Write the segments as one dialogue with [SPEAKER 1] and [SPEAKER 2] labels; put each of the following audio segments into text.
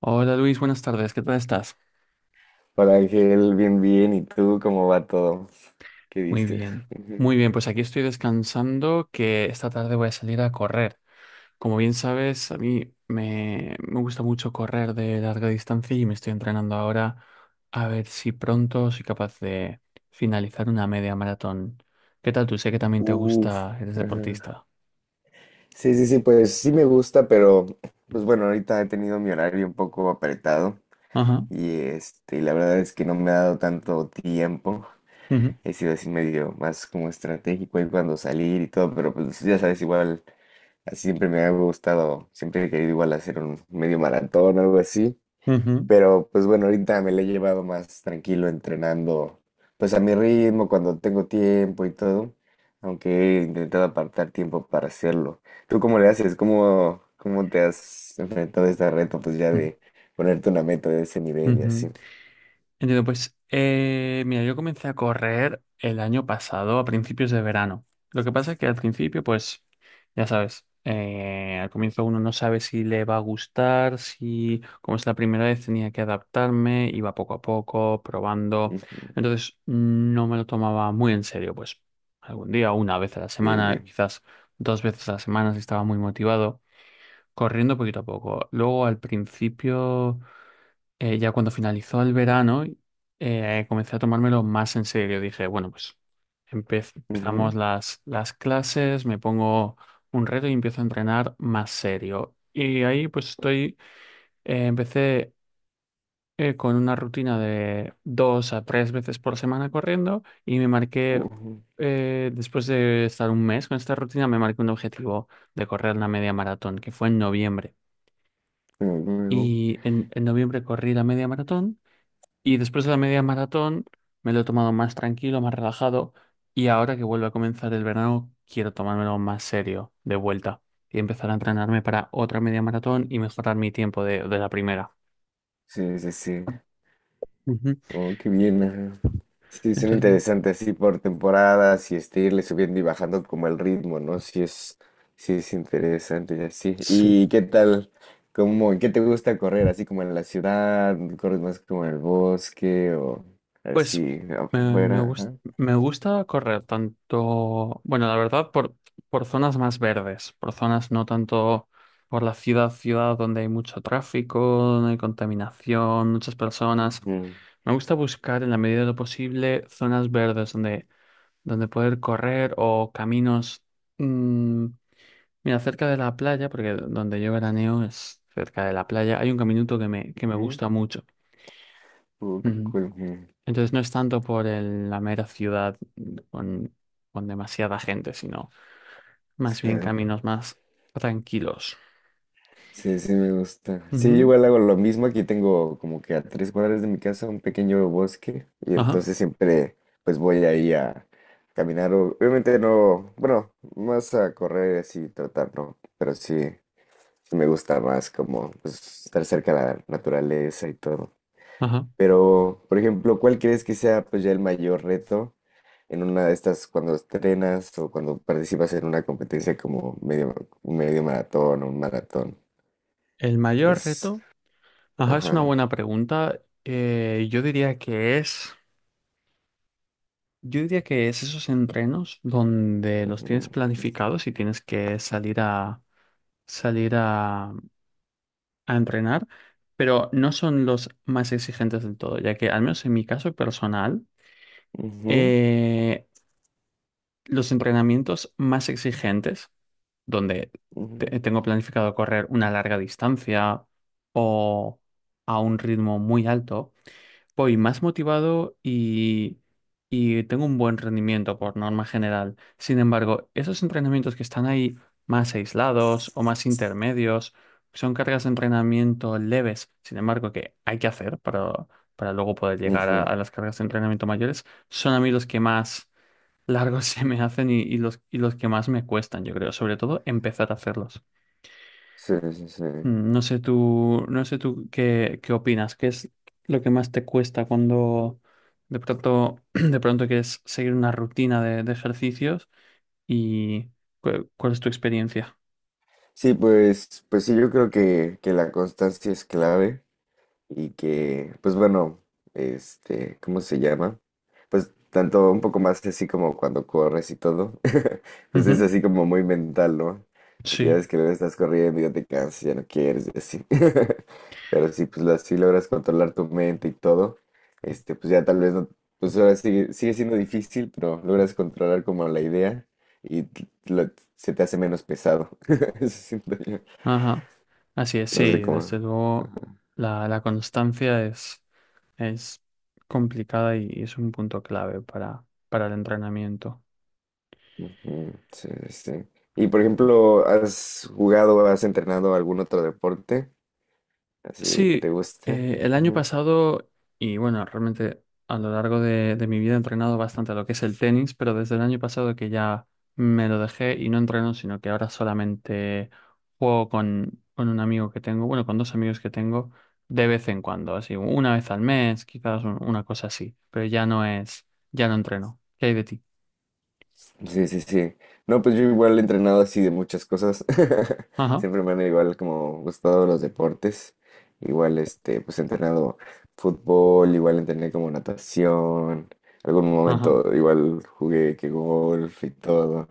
[SPEAKER 1] Hola Luis, buenas tardes, ¿qué tal estás?
[SPEAKER 2] Hola Ángel, bien, bien. ¿Y tú cómo va todo? ¿Qué
[SPEAKER 1] Muy
[SPEAKER 2] dices?
[SPEAKER 1] bien,
[SPEAKER 2] Ujú.
[SPEAKER 1] muy bien, pues aquí estoy descansando que esta tarde voy a salir a correr. Como bien sabes, a mí me gusta mucho correr de larga distancia y me estoy entrenando ahora a ver si pronto soy capaz de finalizar una media maratón. ¿Qué tal tú? Sé que también te
[SPEAKER 2] Uf.
[SPEAKER 1] gusta, eres
[SPEAKER 2] Ajá.
[SPEAKER 1] deportista.
[SPEAKER 2] Sí, sí, sí, pues sí me gusta, pero pues bueno, ahorita he tenido mi horario un poco apretado
[SPEAKER 1] Ajá.
[SPEAKER 2] y la verdad es que no me ha dado tanto tiempo.
[SPEAKER 1] Ujú,
[SPEAKER 2] He sido así medio más como estratégico en cuando salir y todo, pero pues ya sabes, igual así siempre me ha gustado, siempre he querido igual hacer un medio maratón o algo así.
[SPEAKER 1] ujú,
[SPEAKER 2] Pero pues bueno, ahorita me la he llevado más tranquilo entrenando, pues a mi ritmo, cuando tengo tiempo y todo, aunque he intentado apartar tiempo para hacerlo. ¿Tú cómo le haces? ¿Cómo, cómo te has enfrentado a este reto, pues ya
[SPEAKER 1] ujú,
[SPEAKER 2] de ponerte una meta de ese nivel y
[SPEAKER 1] ujú.
[SPEAKER 2] así?
[SPEAKER 1] Entiendo. Pues mira, yo comencé a correr el año pasado a principios de verano. Lo que pasa es que al principio, pues ya sabes, al comienzo uno no sabe si le va a gustar, si como es la primera vez tenía que adaptarme, iba poco a poco, probando.
[SPEAKER 2] Ujú.
[SPEAKER 1] Entonces no me lo tomaba muy en serio, pues algún día, una vez a la
[SPEAKER 2] Sí, sí.
[SPEAKER 1] semana, quizás dos veces a la semana si estaba muy motivado, corriendo poquito a poco. Luego al principio ya cuando finalizó el verano, comencé a tomármelo más en serio. Dije, bueno, pues empezamos
[SPEAKER 2] Ujú,
[SPEAKER 1] las clases, me pongo un reto y empiezo a entrenar más serio. Y ahí pues estoy, empecé con una rutina de dos a tres veces por semana corriendo y me marqué,
[SPEAKER 2] ujú,
[SPEAKER 1] después de estar un mes con esta rutina, me marqué un objetivo de correr la media maratón, que fue en noviembre.
[SPEAKER 2] ujú, ujú.
[SPEAKER 1] Y en noviembre corrí la media maratón. Y después de la media maratón me lo he tomado más tranquilo, más relajado. Y ahora que vuelve a comenzar el verano, quiero tomármelo más serio de vuelta y empezar a entrenarme para otra media maratón y mejorar mi tiempo de la primera.
[SPEAKER 2] Sí, sí, sí.
[SPEAKER 1] Ujú.
[SPEAKER 2] Oh, qué bien. Ajá. Sí, son
[SPEAKER 1] Entonces,
[SPEAKER 2] interesantes así por temporadas y irle subiendo y bajando como el ritmo, ¿no? Sí es interesante y así.
[SPEAKER 1] sí.
[SPEAKER 2] ¿Y qué tal? ¿Cómo, qué te gusta correr? ¿Así como en la ciudad? ¿Corres más como en el bosque o
[SPEAKER 1] Pues
[SPEAKER 2] así
[SPEAKER 1] me, me,
[SPEAKER 2] afuera?
[SPEAKER 1] gus-
[SPEAKER 2] Ajá.
[SPEAKER 1] me gusta correr tanto, bueno, la verdad, por zonas más verdes, por zonas no tanto por la ciudad donde hay mucho tráfico, donde hay contaminación, muchas personas.
[SPEAKER 2] Ujú,
[SPEAKER 1] Me gusta buscar en la medida de lo posible zonas verdes donde poder correr o caminos. mm, Mira, cerca de la playa, porque donde yo veraneo es cerca de la playa, hay un caminito que me
[SPEAKER 2] ujú.
[SPEAKER 1] gusta mucho.
[SPEAKER 2] Oh, qué cool. Ujú.
[SPEAKER 1] Entonces no es tanto por la mera ciudad con, con demasiada gente, sino más bien
[SPEAKER 2] Sí.
[SPEAKER 1] caminos más tranquilos.
[SPEAKER 2] Sí, sí, me gusta. Sí, yo
[SPEAKER 1] Ujú,
[SPEAKER 2] igual hago lo mismo. Aquí tengo como que a tres cuadras de mi casa un pequeño bosque y
[SPEAKER 1] ajá,
[SPEAKER 2] entonces siempre pues voy ahí a caminar. Obviamente no, bueno, más a correr y así tratar, ¿no? Pero sí, sí me gusta más como pues, estar cerca de la naturaleza y todo.
[SPEAKER 1] ajá.
[SPEAKER 2] Pero, por ejemplo, ¿cuál crees que sea pues ya el mayor reto en una de estas cuando estrenas o cuando participas en una competencia como medio, medio maratón o un maratón?
[SPEAKER 1] El
[SPEAKER 2] Que
[SPEAKER 1] mayor
[SPEAKER 2] Es
[SPEAKER 1] reto, ajá, es una
[SPEAKER 2] Ajá.
[SPEAKER 1] buena pregunta. Yo diría que es esos entrenos donde los
[SPEAKER 2] Ujú,
[SPEAKER 1] tienes planificados y tienes que salir a salir a, a entrenar, pero no son los más exigentes del todo, ya que al menos en mi caso personal.
[SPEAKER 2] ujú,
[SPEAKER 1] Eh, Los entrenamientos más exigentes, donde
[SPEAKER 2] ujú,
[SPEAKER 1] tengo planificado correr una larga distancia o a un ritmo muy alto, voy más motivado y tengo un buen rendimiento por norma general. Sin embargo, esos entrenamientos que están ahí más aislados o más intermedios, son cargas de entrenamiento leves, sin embargo, que hay que hacer para luego poder llegar
[SPEAKER 2] ujú.
[SPEAKER 1] a las cargas de entrenamiento mayores, son a mí los que más largos se me hacen y los que más me cuestan, yo creo, sobre todo empezar a hacerlos.
[SPEAKER 2] Sí, sí, sí.
[SPEAKER 1] No sé tú qué, qué opinas, qué es lo que más te cuesta cuando de pronto, de pronto quieres seguir una rutina de ejercicios y cuál es tu experiencia.
[SPEAKER 2] Sí, pues, pues sí, yo creo que la constancia es clave. Y que, pues bueno, ¿cómo se llama? Pues tanto un poco más así como cuando corres y todo, pues es
[SPEAKER 1] Ujú,
[SPEAKER 2] así como muy mental, ¿no? De que ya
[SPEAKER 1] sí,
[SPEAKER 2] ves que luego estás corriendo y ya te cansas, ya no quieres y así. Pero si pues así logras controlar tu mente y todo, pues ya tal vez no, pues ahora sigue siendo difícil, pero logras controlar como la idea y t- lo- se te hace menos pesado. Eso siento yo.
[SPEAKER 1] ajá. Así es,
[SPEAKER 2] No sé
[SPEAKER 1] sí, desde
[SPEAKER 2] cómo.
[SPEAKER 1] luego la constancia es complicada y es un punto clave para el entrenamiento.
[SPEAKER 2] Ujú. Sí, sí. Sí. Y por ejemplo, ¿has jugado o has entrenado algún otro deporte? Así que te
[SPEAKER 1] Sí,
[SPEAKER 2] guste.
[SPEAKER 1] el año
[SPEAKER 2] Ujú.
[SPEAKER 1] pasado, y bueno, realmente a lo largo de mi vida he entrenado bastante a lo que es el tenis, pero desde el año pasado que ya me lo dejé y no entreno, sino que ahora solamente juego con un amigo que tengo, bueno, con dos amigos que tengo de vez en cuando, así, una vez al mes, quizás una cosa así, pero ya no es, ya no entreno. ¿Qué hay de ti?
[SPEAKER 2] Sí, sí, sí. No, pues yo igual he entrenado así de muchas cosas.
[SPEAKER 1] Ajá,
[SPEAKER 2] Siempre me han igual como gustado los deportes. Igual, pues he entrenado fútbol, igual entrené como natación. Algún
[SPEAKER 1] ajá.
[SPEAKER 2] momento igual jugué que golf y todo.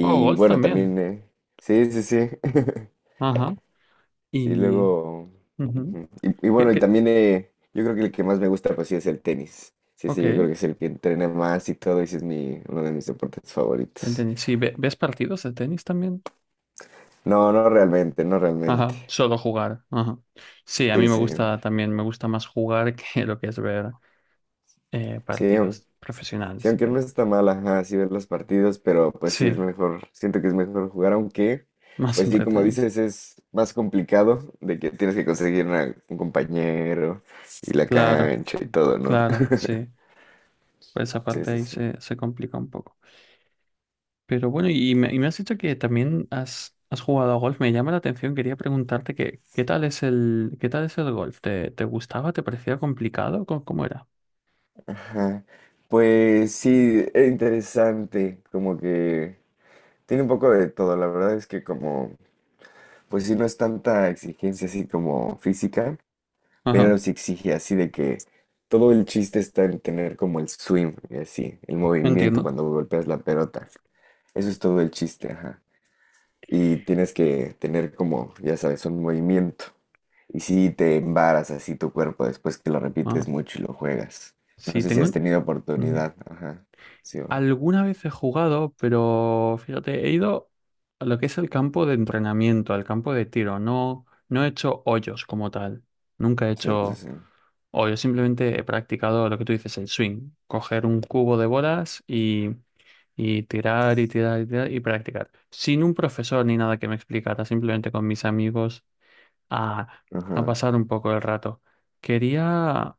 [SPEAKER 1] ¿O golf
[SPEAKER 2] bueno,
[SPEAKER 1] también?
[SPEAKER 2] también, sí, sí, sí.
[SPEAKER 1] Ajá.
[SPEAKER 2] Sí,
[SPEAKER 1] Y...
[SPEAKER 2] luego.
[SPEAKER 1] ujú.
[SPEAKER 2] Ujú. Y
[SPEAKER 1] ¿Qué,
[SPEAKER 2] bueno, y
[SPEAKER 1] qué?
[SPEAKER 2] también yo creo que el que más me gusta, pues sí, es el tenis. Sí,
[SPEAKER 1] Ok,
[SPEAKER 2] sí, yo creo
[SPEAKER 1] el
[SPEAKER 2] que es el que entrena más y todo, y sí es mi, uno de mis deportes favoritos.
[SPEAKER 1] tenis. Sí, ves partidos de tenis también?
[SPEAKER 2] No, no realmente, no realmente.
[SPEAKER 1] Ajá, solo jugar. Ajá. Sí, a
[SPEAKER 2] Sí,
[SPEAKER 1] mí me
[SPEAKER 2] sí.
[SPEAKER 1] gusta también, me gusta más jugar que lo que es ver
[SPEAKER 2] Sí,
[SPEAKER 1] partidos
[SPEAKER 2] sí,
[SPEAKER 1] profesionales.
[SPEAKER 2] aunque no está mal, ajá, sí ver los partidos, pero pues sí es
[SPEAKER 1] Sí,
[SPEAKER 2] mejor, siento que es mejor jugar, aunque,
[SPEAKER 1] más
[SPEAKER 2] pues sí, como
[SPEAKER 1] entretenido.
[SPEAKER 2] dices, es más complicado de que tienes que conseguir un compañero y la
[SPEAKER 1] Claro,
[SPEAKER 2] cancha y todo, ¿no?
[SPEAKER 1] claro, sí. Por esa
[SPEAKER 2] Sí,
[SPEAKER 1] parte
[SPEAKER 2] sí,
[SPEAKER 1] ahí
[SPEAKER 2] sí.
[SPEAKER 1] se, se complica un poco. Pero bueno, y me has dicho que también has jugado a golf. Me llama la atención, quería preguntarte que, qué tal es el, qué tal es el golf. ¿Te, te gustaba? ¿Te parecía complicado? ¿Cómo, cómo era?
[SPEAKER 2] Ajá. Pues sí, es interesante, como que tiene un poco de todo, la verdad es que como, pues sí, no es tanta exigencia así como física,
[SPEAKER 1] Ajá,
[SPEAKER 2] pero sí exige así de que todo el chiste está en tener como el swing, y así, el movimiento
[SPEAKER 1] entiendo.
[SPEAKER 2] cuando golpeas la pelota. Eso es todo el chiste, ajá y tienes que tener como, ya sabes, un movimiento. Y si te embaras así tu cuerpo después que lo
[SPEAKER 1] Ajá.
[SPEAKER 2] repites mucho y lo juegas. No
[SPEAKER 1] Sí,
[SPEAKER 2] sé si
[SPEAKER 1] tengo...
[SPEAKER 2] has tenido
[SPEAKER 1] ujú.
[SPEAKER 2] oportunidad. Ajá. Sí,
[SPEAKER 1] Alguna vez he jugado, pero fíjate, he ido a lo que es el campo de entrenamiento, al campo de tiro. No, no he hecho hoyos como tal. Nunca he
[SPEAKER 2] sí, sí,
[SPEAKER 1] hecho
[SPEAKER 2] sí.
[SPEAKER 1] hoyos, simplemente he practicado lo que tú dices, el swing. Coger un cubo de bolas y tirar y tirar y tirar y practicar. Sin un profesor ni nada que me explicara, simplemente con mis amigos a, a
[SPEAKER 2] Ajá.
[SPEAKER 1] pasar un poco el rato. Quería,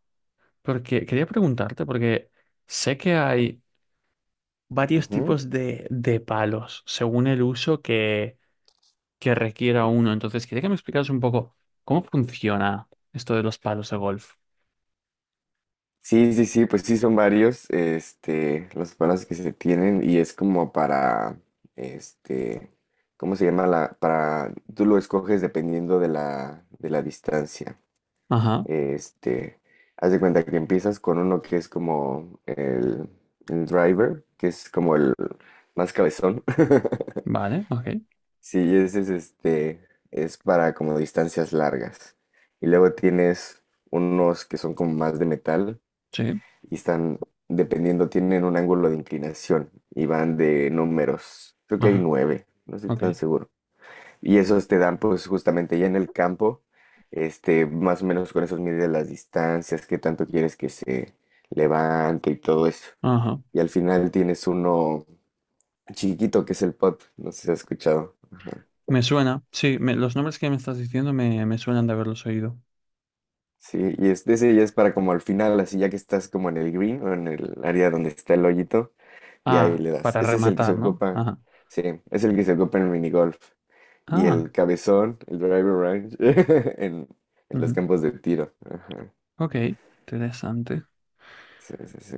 [SPEAKER 1] quería preguntarte, porque sé que hay varios
[SPEAKER 2] Ujú.
[SPEAKER 1] tipos de palos según el uso que requiera uno. Entonces, quería que me explicaras un poco cómo funciona esto de los palos de golf.
[SPEAKER 2] Sí, sí, sí, pues sí son varios, los palos que se tienen y es como para, este, ¿cómo se llama la? Para, tú lo escoges dependiendo de la distancia.
[SPEAKER 1] Ajá,
[SPEAKER 2] Este, haz de cuenta que empiezas con uno que es como el driver, que es como el más cabezón.
[SPEAKER 1] vale, ok,
[SPEAKER 2] Sí, ese es es para como distancias largas. Y luego tienes unos que son como más de metal
[SPEAKER 1] sí,
[SPEAKER 2] y están, dependiendo, tienen un ángulo de inclinación y van de números. Creo que hay
[SPEAKER 1] ajá,
[SPEAKER 2] nueve, no estoy
[SPEAKER 1] ok,
[SPEAKER 2] tan seguro. Y esos te dan pues justamente ya en el campo, más o menos con esos mides las distancias, qué tanto quieres que se levante y todo eso.
[SPEAKER 1] ajá.
[SPEAKER 2] Y al final tienes uno chiquito que es el pot, no sé si has escuchado.
[SPEAKER 1] Me suena, sí, los nombres que me estás diciendo me suenan de haberlos oído.
[SPEAKER 2] Sí, y es, ese ya es para como al final, así ya que estás como en el green o en el área donde está el hoyito, y ahí
[SPEAKER 1] Ah,
[SPEAKER 2] le das.
[SPEAKER 1] para
[SPEAKER 2] Ese es el que se
[SPEAKER 1] rematar, ¿no?
[SPEAKER 2] ocupa,
[SPEAKER 1] Ajá.
[SPEAKER 2] sí, es el que se ocupa en el minigolf. Y
[SPEAKER 1] Ah,
[SPEAKER 2] el cabezón, el driver range, en, en los
[SPEAKER 1] ujú,
[SPEAKER 2] campos de tiro. Ajá,
[SPEAKER 1] ok, interesante.
[SPEAKER 2] sí, sí, sí.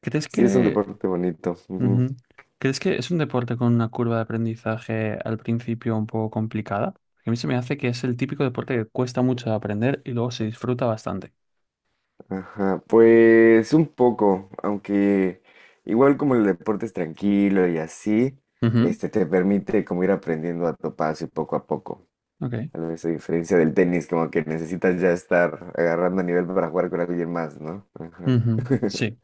[SPEAKER 1] ¿Crees
[SPEAKER 2] Sí, es un
[SPEAKER 1] que
[SPEAKER 2] deporte bonito. Ujú.
[SPEAKER 1] ujú? ¿Crees que es un deporte con una curva de aprendizaje al principio un poco complicada? Porque a mí se me hace que es el típico deporte que cuesta mucho de aprender y luego se disfruta bastante.
[SPEAKER 2] Ajá. Pues un poco, aunque igual como el deporte es tranquilo y así,
[SPEAKER 1] Ujú,
[SPEAKER 2] te permite como ir aprendiendo a tu paso y poco a poco.
[SPEAKER 1] ok.
[SPEAKER 2] Tal vez a diferencia del tenis, como que necesitas ya estar agarrando nivel para jugar con alguien más, ¿no? Ajá.
[SPEAKER 1] Ujú, sí.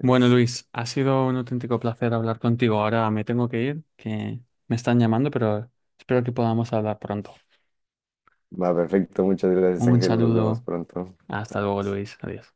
[SPEAKER 1] Bueno,
[SPEAKER 2] Sí.
[SPEAKER 1] Luis, ha sido un auténtico placer hablar contigo. Ahora me tengo que ir, que me están llamando, pero espero que podamos hablar pronto.
[SPEAKER 2] Va, perfecto. Muchas gracias,
[SPEAKER 1] Un
[SPEAKER 2] Ángel. Nos vemos
[SPEAKER 1] saludo.
[SPEAKER 2] pronto.
[SPEAKER 1] Hasta luego, Luis. Adiós.